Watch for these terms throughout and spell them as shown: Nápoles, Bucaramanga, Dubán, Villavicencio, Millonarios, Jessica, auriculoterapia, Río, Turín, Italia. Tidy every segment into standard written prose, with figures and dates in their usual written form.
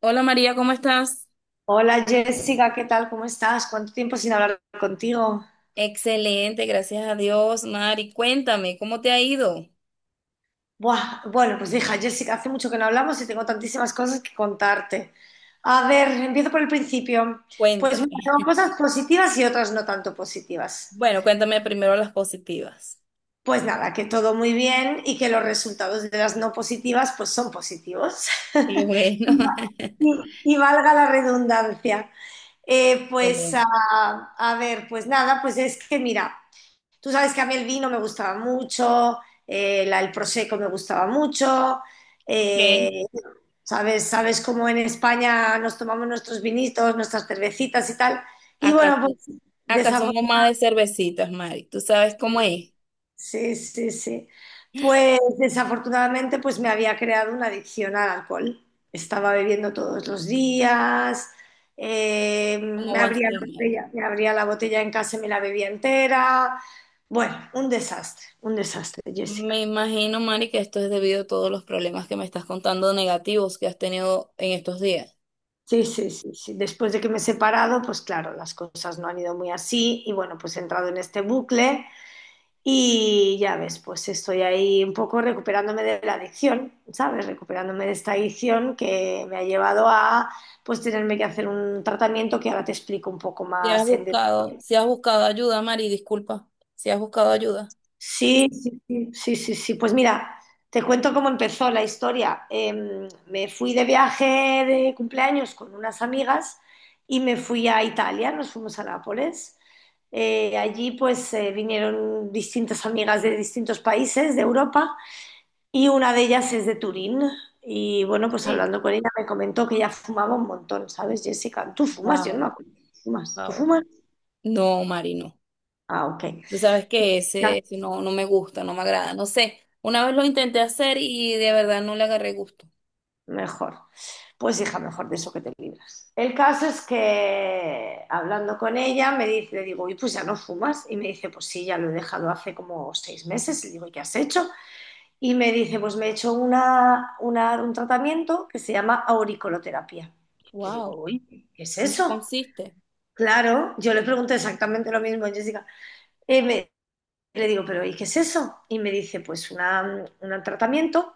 Hola María, ¿cómo estás? Hola Jessica, ¿qué tal? ¿Cómo estás? ¿Cuánto tiempo sin hablar contigo? Excelente, gracias a Dios, Mari. Cuéntame, ¿cómo te ha ido? Buah, bueno, pues hija, Jessica, hace mucho que no hablamos y tengo tantísimas cosas que contarte. A ver, empiezo por el principio. Pues Cuéntame. mira, tengo cosas positivas y otras no tanto positivas. Bueno, cuéntame primero las positivas. Pues nada, que todo muy bien y que los resultados de las no positivas pues son positivos. Qué bueno. Y, y valga la redundancia. Eh, pues a, Excelente. a ver, pues nada, pues es que mira. Tú sabes que a mí el vino me gustaba mucho, el prosecco me gustaba mucho. Ok. eh, sabes cómo en España nos tomamos nuestros vinitos, nuestras cervecitas y tal. Y Acá, bueno, pues acá desafor- somos más de cervecitas, Mari. ¿Tú sabes cómo es? sí, sí, sí. Pues desafortunadamente pues me había creado una adicción al alcohol. Estaba bebiendo todos los días, ¿Cómo me va a abría la ser, Mari? botella, me abría la botella en casa y me la bebía entera. Bueno, un desastre, Jessica. Me imagino, Mari, que esto es debido a todos los problemas que me estás contando negativos que has tenido en estos días. Sí, sí, sí, sí. Después de que me he separado, pues claro, las cosas no han ido muy así y bueno, pues he entrado en este bucle y ya ves, pues estoy ahí un poco recuperándome de la adicción, ¿sabes? Recuperándome de esta adicción que me ha llevado a pues tenerme que hacer un tratamiento que ahora te explico un poco Si has más en buscado, detalle. si has buscado ayuda, Mari, disculpa. Si has buscado ayuda. Sí, sí, sí, sí, sí, sí. Pues mira, te cuento cómo empezó la historia. Me fui de viaje de cumpleaños con unas amigas y me fui a Italia, nos fuimos a Nápoles. Allí pues vinieron distintas amigas de distintos países de Europa y una de ellas es de Turín. Y bueno, pues Sí. hablando con ella me comentó que ella fumaba un montón, ¿sabes, Jessica? Tú fumas, yo no me Wow, acuerdo. ¿Fumas? ¿Tú fumas? wow, no, Mari, no. Ah, ok. Tú sabes que ese no, no me gusta, no me agrada. No sé, una vez lo intenté hacer y de verdad no le agarré gusto. Mejor. Pues hija, mejor de eso que te libras. El caso es que hablando con ella me dice, le digo, y pues ya no fumas. Y me dice, pues sí, ya lo he dejado hace como 6 meses. Le digo, ¿y qué has hecho? Y me dice, pues me he hecho un tratamiento que se llama auriculoterapia. Y le digo, Wow, uy, ¿qué es ¿en qué eso? consiste? Claro, yo le pregunto exactamente lo mismo a Jessica. Y me- Le digo, pero ¿y qué es eso? Y me dice, pues un tratamiento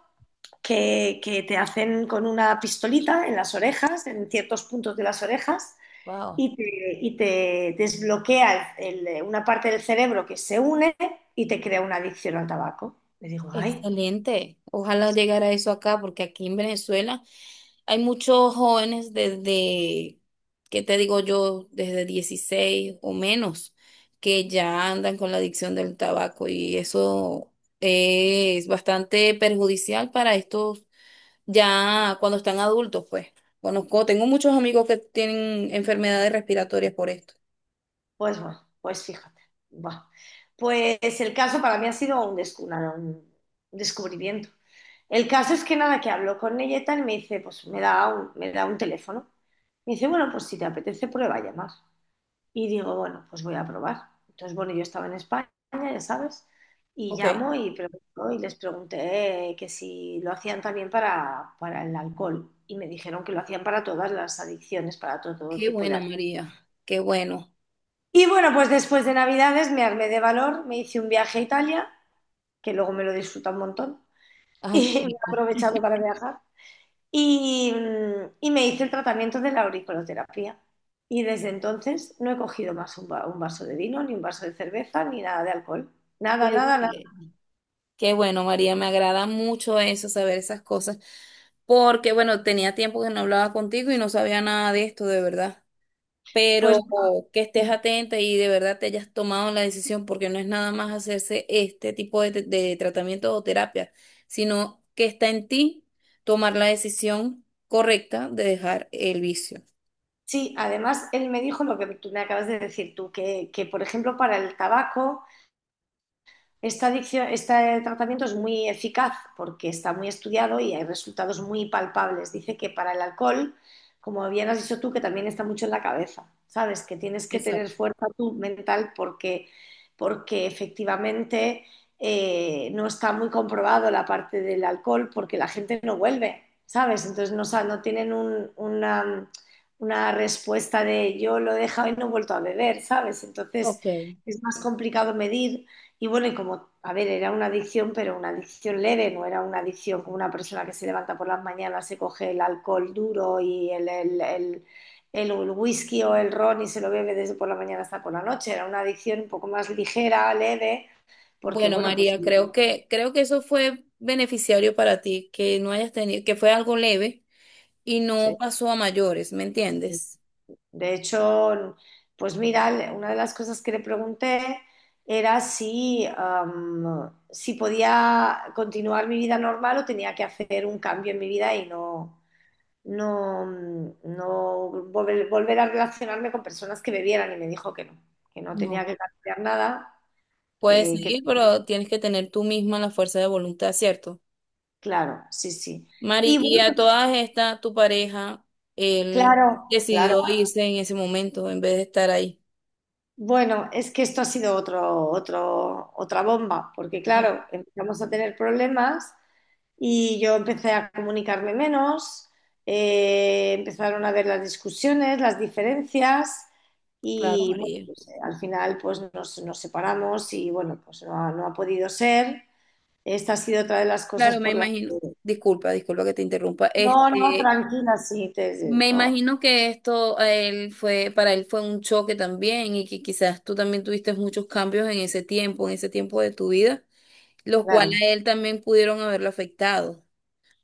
que te hacen con una pistolita en las orejas, en ciertos puntos de las orejas, Wow, y te, y te desbloquea una parte del cerebro que se une y te crea una adicción al tabaco. Le digo, ay, excelente. Ojalá llegara eso acá, porque aquí en Venezuela hay muchos jóvenes desde, ¿qué te digo yo? Desde 16 o menos, que ya andan con la adicción del tabaco y eso es bastante perjudicial para estos ya cuando están adultos, pues. Conozco, tengo muchos amigos que tienen enfermedades respiratorias por esto. pues bueno, pues fíjate. Buah. Pues el caso para mí ha sido un descubrimiento. El caso es que nada, que hablo con ella y tal, y me dice, pues me da un teléfono. Me dice, bueno, pues si te apetece, prueba a llamar. Y digo, bueno, pues voy a probar. Entonces, bueno, yo estaba en España, ya sabes, y Ok. llamo y, pregunto, y les pregunté que si lo hacían también para, el alcohol. Y me dijeron que lo hacían para todas las adicciones, para todo Qué tipo de bueno, adicciones. María. Qué bueno. Y bueno, pues después de Navidades me armé de valor, me hice un viaje a Italia, que luego me lo disfruta un montón, Ay, qué y me he rico. aprovechado para viajar. Y me hice el tratamiento de la auriculoterapia. Y desde entonces no he cogido más un vaso de vino, ni un vaso de cerveza, ni nada de alcohol. Nada, Qué nada, nada. bien. Qué bueno, María. Me agrada mucho eso, saber esas cosas. Porque, bueno, tenía tiempo que no hablaba contigo y no sabía nada de esto, de verdad. Pues Pero que estés atenta y de verdad te hayas tomado la decisión, porque no es nada más hacerse este tipo de tratamiento o terapia, sino que está en ti tomar la decisión correcta de dejar el vicio. sí, además él me dijo lo que tú me acabas de decir tú, que por ejemplo para el tabaco. Este tratamiento es muy eficaz porque está muy estudiado y hay resultados muy palpables. Dice que para el alcohol, como bien has dicho tú, que también está mucho en la cabeza, ¿sabes? Que tienes que tener Exacto. fuerza tú mental porque, porque efectivamente no está muy comprobado la parte del alcohol porque la gente no vuelve, ¿sabes? Entonces no tienen una respuesta de yo lo he dejado y no he vuelto a beber, ¿sabes? Entonces Ok. es más complicado medir. Y bueno, y como, a ver, era una adicción, pero una adicción leve, no era una adicción como una persona que se levanta por las mañanas, se coge el alcohol duro y el whisky o el ron y se lo bebe desde por la mañana hasta por la noche. Era una adicción un poco más ligera, leve, porque Bueno, bueno, pues María, creo que eso fue beneficiario para ti, que no hayas tenido, que fue algo leve y sí. no pasó a mayores, ¿me entiendes? De hecho, pues mira, una de las cosas que le pregunté era si podía continuar mi vida normal o tenía que hacer un cambio en mi vida y no, no volver a relacionarme con personas que bebieran y me dijo que no No. tenía que cambiar nada, Puedes que, que- seguir, pero tienes que tener tú misma la fuerza de voluntad, ¿cierto? claro, sí, sí. Mari, Y y bueno, a todas estas, tu pareja, él claro, claro. decidió irse en ese momento en vez de estar ahí. Bueno, es que esto ha sido otra bomba, porque Ah, claro, empezamos a tener problemas y yo empecé a comunicarme menos, empezaron a ver las discusiones, las diferencias claro, y bueno, María. pues, al final pues nos separamos y bueno, pues no ha podido ser. Esta ha sido otra de las cosas Claro, me por las... imagino. Disculpa, disculpa que te interrumpa. No, no, Este, tranquila, sí, me no, imagino que esto a él fue, para él fue un choque también y que quizás tú también tuviste muchos cambios en ese tiempo de tu vida, los cuales claro. a él también pudieron haberlo afectado.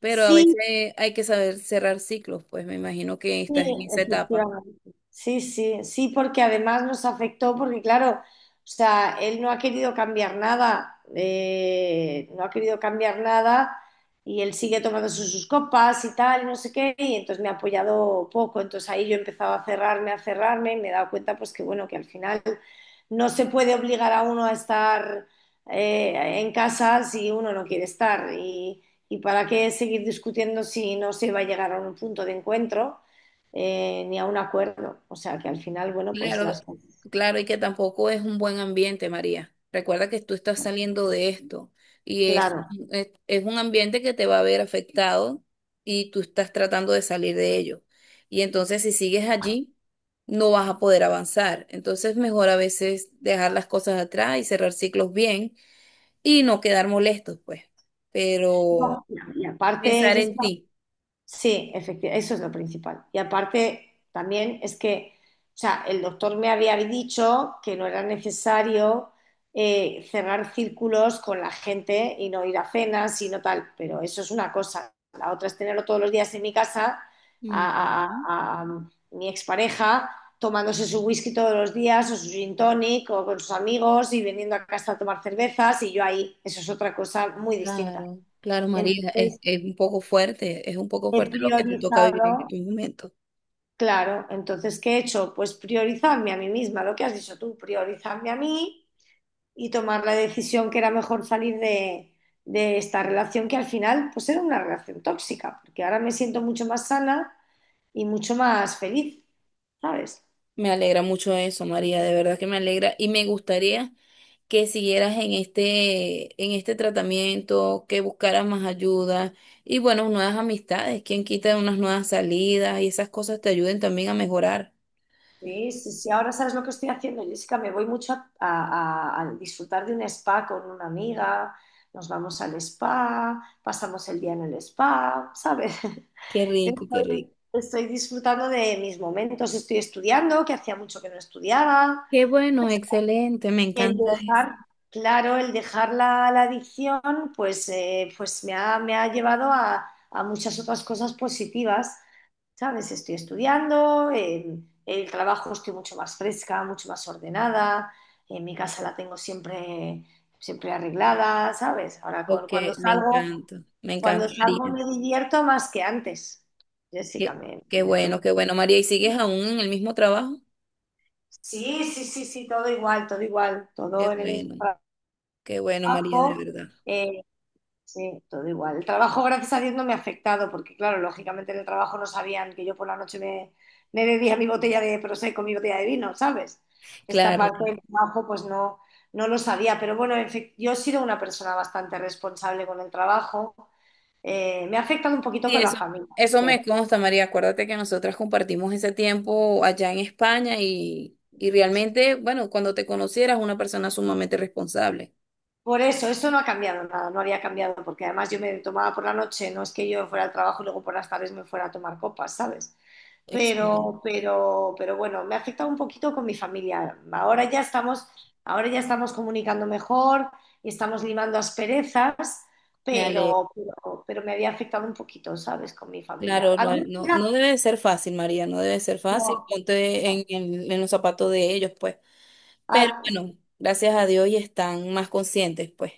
Pero a Sí, veces hay que saber cerrar ciclos, pues me imagino que sí, estás en esa etapa. efectivamente. Sí, sí, sí, porque además nos afectó, porque claro, o sea, él no ha querido cambiar nada, no ha querido cambiar nada y él sigue tomando sus copas y tal, y no sé qué, y entonces me ha apoyado poco, entonces ahí yo he empezado a cerrarme, y me he dado cuenta pues que bueno, que al final no se puede obligar a uno a estar en casa si uno no quiere estar, y para qué seguir discutiendo si no se va a llegar a un punto de encuentro ni a un acuerdo. O sea que al final, bueno, pues Claro, las... claro, y que tampoco es un buen ambiente, María. Recuerda que tú estás saliendo de esto y es, Claro. es, es un ambiente que te va a ver afectado y tú estás tratando de salir de ello. Y entonces si sigues allí, no vas a poder avanzar. Entonces mejor a veces dejar las cosas atrás y cerrar ciclos bien y no quedar molestos, pues. Pero No, y aparte, pensar en Jessica, ti. sí, efectivamente, eso es lo principal. Y aparte, también es que, o sea, el doctor me había dicho que no era necesario cerrar círculos con la gente y no ir a cenas y no tal, pero eso es una cosa. La otra es tenerlo todos los días en mi casa, a, Ujú. a- a mi expareja tomándose su whisky todos los días o su gin tonic o con sus amigos y viniendo a casa a tomar cervezas y yo ahí, eso es otra cosa muy distinta. Claro, claro, María, Entonces, es un poco fuerte, es un poco he fuerte lo que te toca vivir en priorizado. estos momentos. Claro, entonces, ¿qué he hecho? Pues priorizarme a mí misma, lo que has dicho tú, priorizarme a mí y tomar la decisión que era mejor salir de, esta relación que al final pues era una relación tóxica, porque ahora me siento mucho más sana y mucho más feliz, ¿sabes? Me alegra mucho eso, María, de verdad que me alegra y me gustaría que siguieras en este tratamiento, que buscaras más ayuda y bueno, nuevas amistades, quien quita unas nuevas salidas y esas cosas te ayuden también a mejorar. Sí, sí, sí, ahora sabes lo que estoy haciendo, Jessica, me voy mucho a disfrutar de un spa con una amiga, nos vamos al spa, pasamos el día en el spa, ¿sabes? Qué rico, qué Estoy, rico. estoy disfrutando de mis momentos, estoy estudiando, que hacía mucho que no estudiaba, Qué bueno, excelente, me el encanta eso. dejar, claro, el dejar la adicción, pues me ha llevado a muchas otras cosas positivas, ¿sabes? Estoy estudiando, en el trabajo estoy mucho más fresca, mucho más ordenada, en mi casa la tengo siempre, siempre arreglada, ¿sabes? Ahora Ok, cuando salgo, me cuando encanta, salgo María. me divierto más que antes. Jessica, Qué, me divierto. Qué bueno, María, ¿y sigues aún en el mismo trabajo? Sí, sí, sí, sí, todo igual, todo igual, Qué todo en el mismo bueno, qué bueno, María, de trabajo. verdad. eh, sí, todo igual. El trabajo, gracias a Dios, no me ha afectado, porque claro, lógicamente en el trabajo no sabían que yo por la noche me bebía mi botella de prosecco, mi botella de vino, ¿sabes? Esta Claro, parte claro. del trabajo, pues no, no lo sabía, pero bueno, en fin, yo he sido una persona bastante responsable con el trabajo. Me ha afectado un poquito Sí, con la eso, familia. eso me consta, María. Acuérdate que nosotras compartimos ese tiempo allá en España y realmente, bueno, cuando te conocieras, una persona sumamente responsable. Por eso, esto no ha cambiado nada, no había cambiado, porque además yo me tomaba por la noche, no es que yo fuera al trabajo y luego por las tardes me fuera a tomar copas, ¿sabes? Excelente. Pero bueno, me ha afectado un poquito con mi familia. Ahora ya estamos comunicando mejor y estamos limando asperezas, Me alegro. pero me había afectado un poquito, ¿sabes? Con mi familia. Claro, no, ¿Alguna no, amiga? no debe de ser fácil, María, no debe de ser fácil. No. Ponte en los zapatos de ellos, pues. Pero Al- bueno, gracias a Dios y están más conscientes, pues.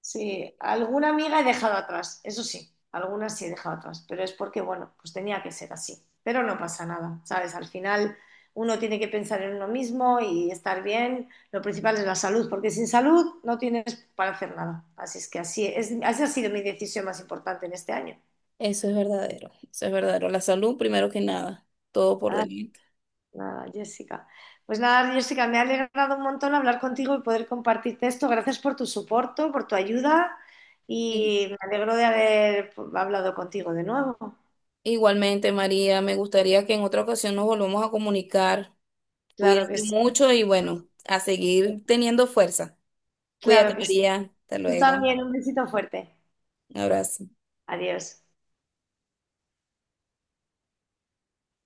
Sí, alguna amiga he dejado atrás, eso sí, algunas sí he dejado atrás, pero es porque, bueno, pues tenía que ser así. Pero no pasa nada, ¿sabes? Al final uno tiene que pensar en uno mismo y estar bien. Lo principal es la salud, porque sin salud no tienes para hacer nada. Así es que así es, así ha sido mi decisión más importante en este año. Eso es verdadero, eso es verdadero. La salud primero que nada, todo por delante. Nada, Jessica. Pues nada, Jessica, me ha alegrado un montón hablar contigo y poder compartirte esto. Gracias por tu soporte, por tu ayuda y me alegro de haber hablado contigo de nuevo. Igualmente, María, me gustaría que en otra ocasión nos volvamos a comunicar. Claro que Cuídate sí. mucho y bueno, a seguir teniendo fuerza. Cuídate, Claro que sí. María. Hasta Tú luego. Un también, un besito fuerte. abrazo. Adiós.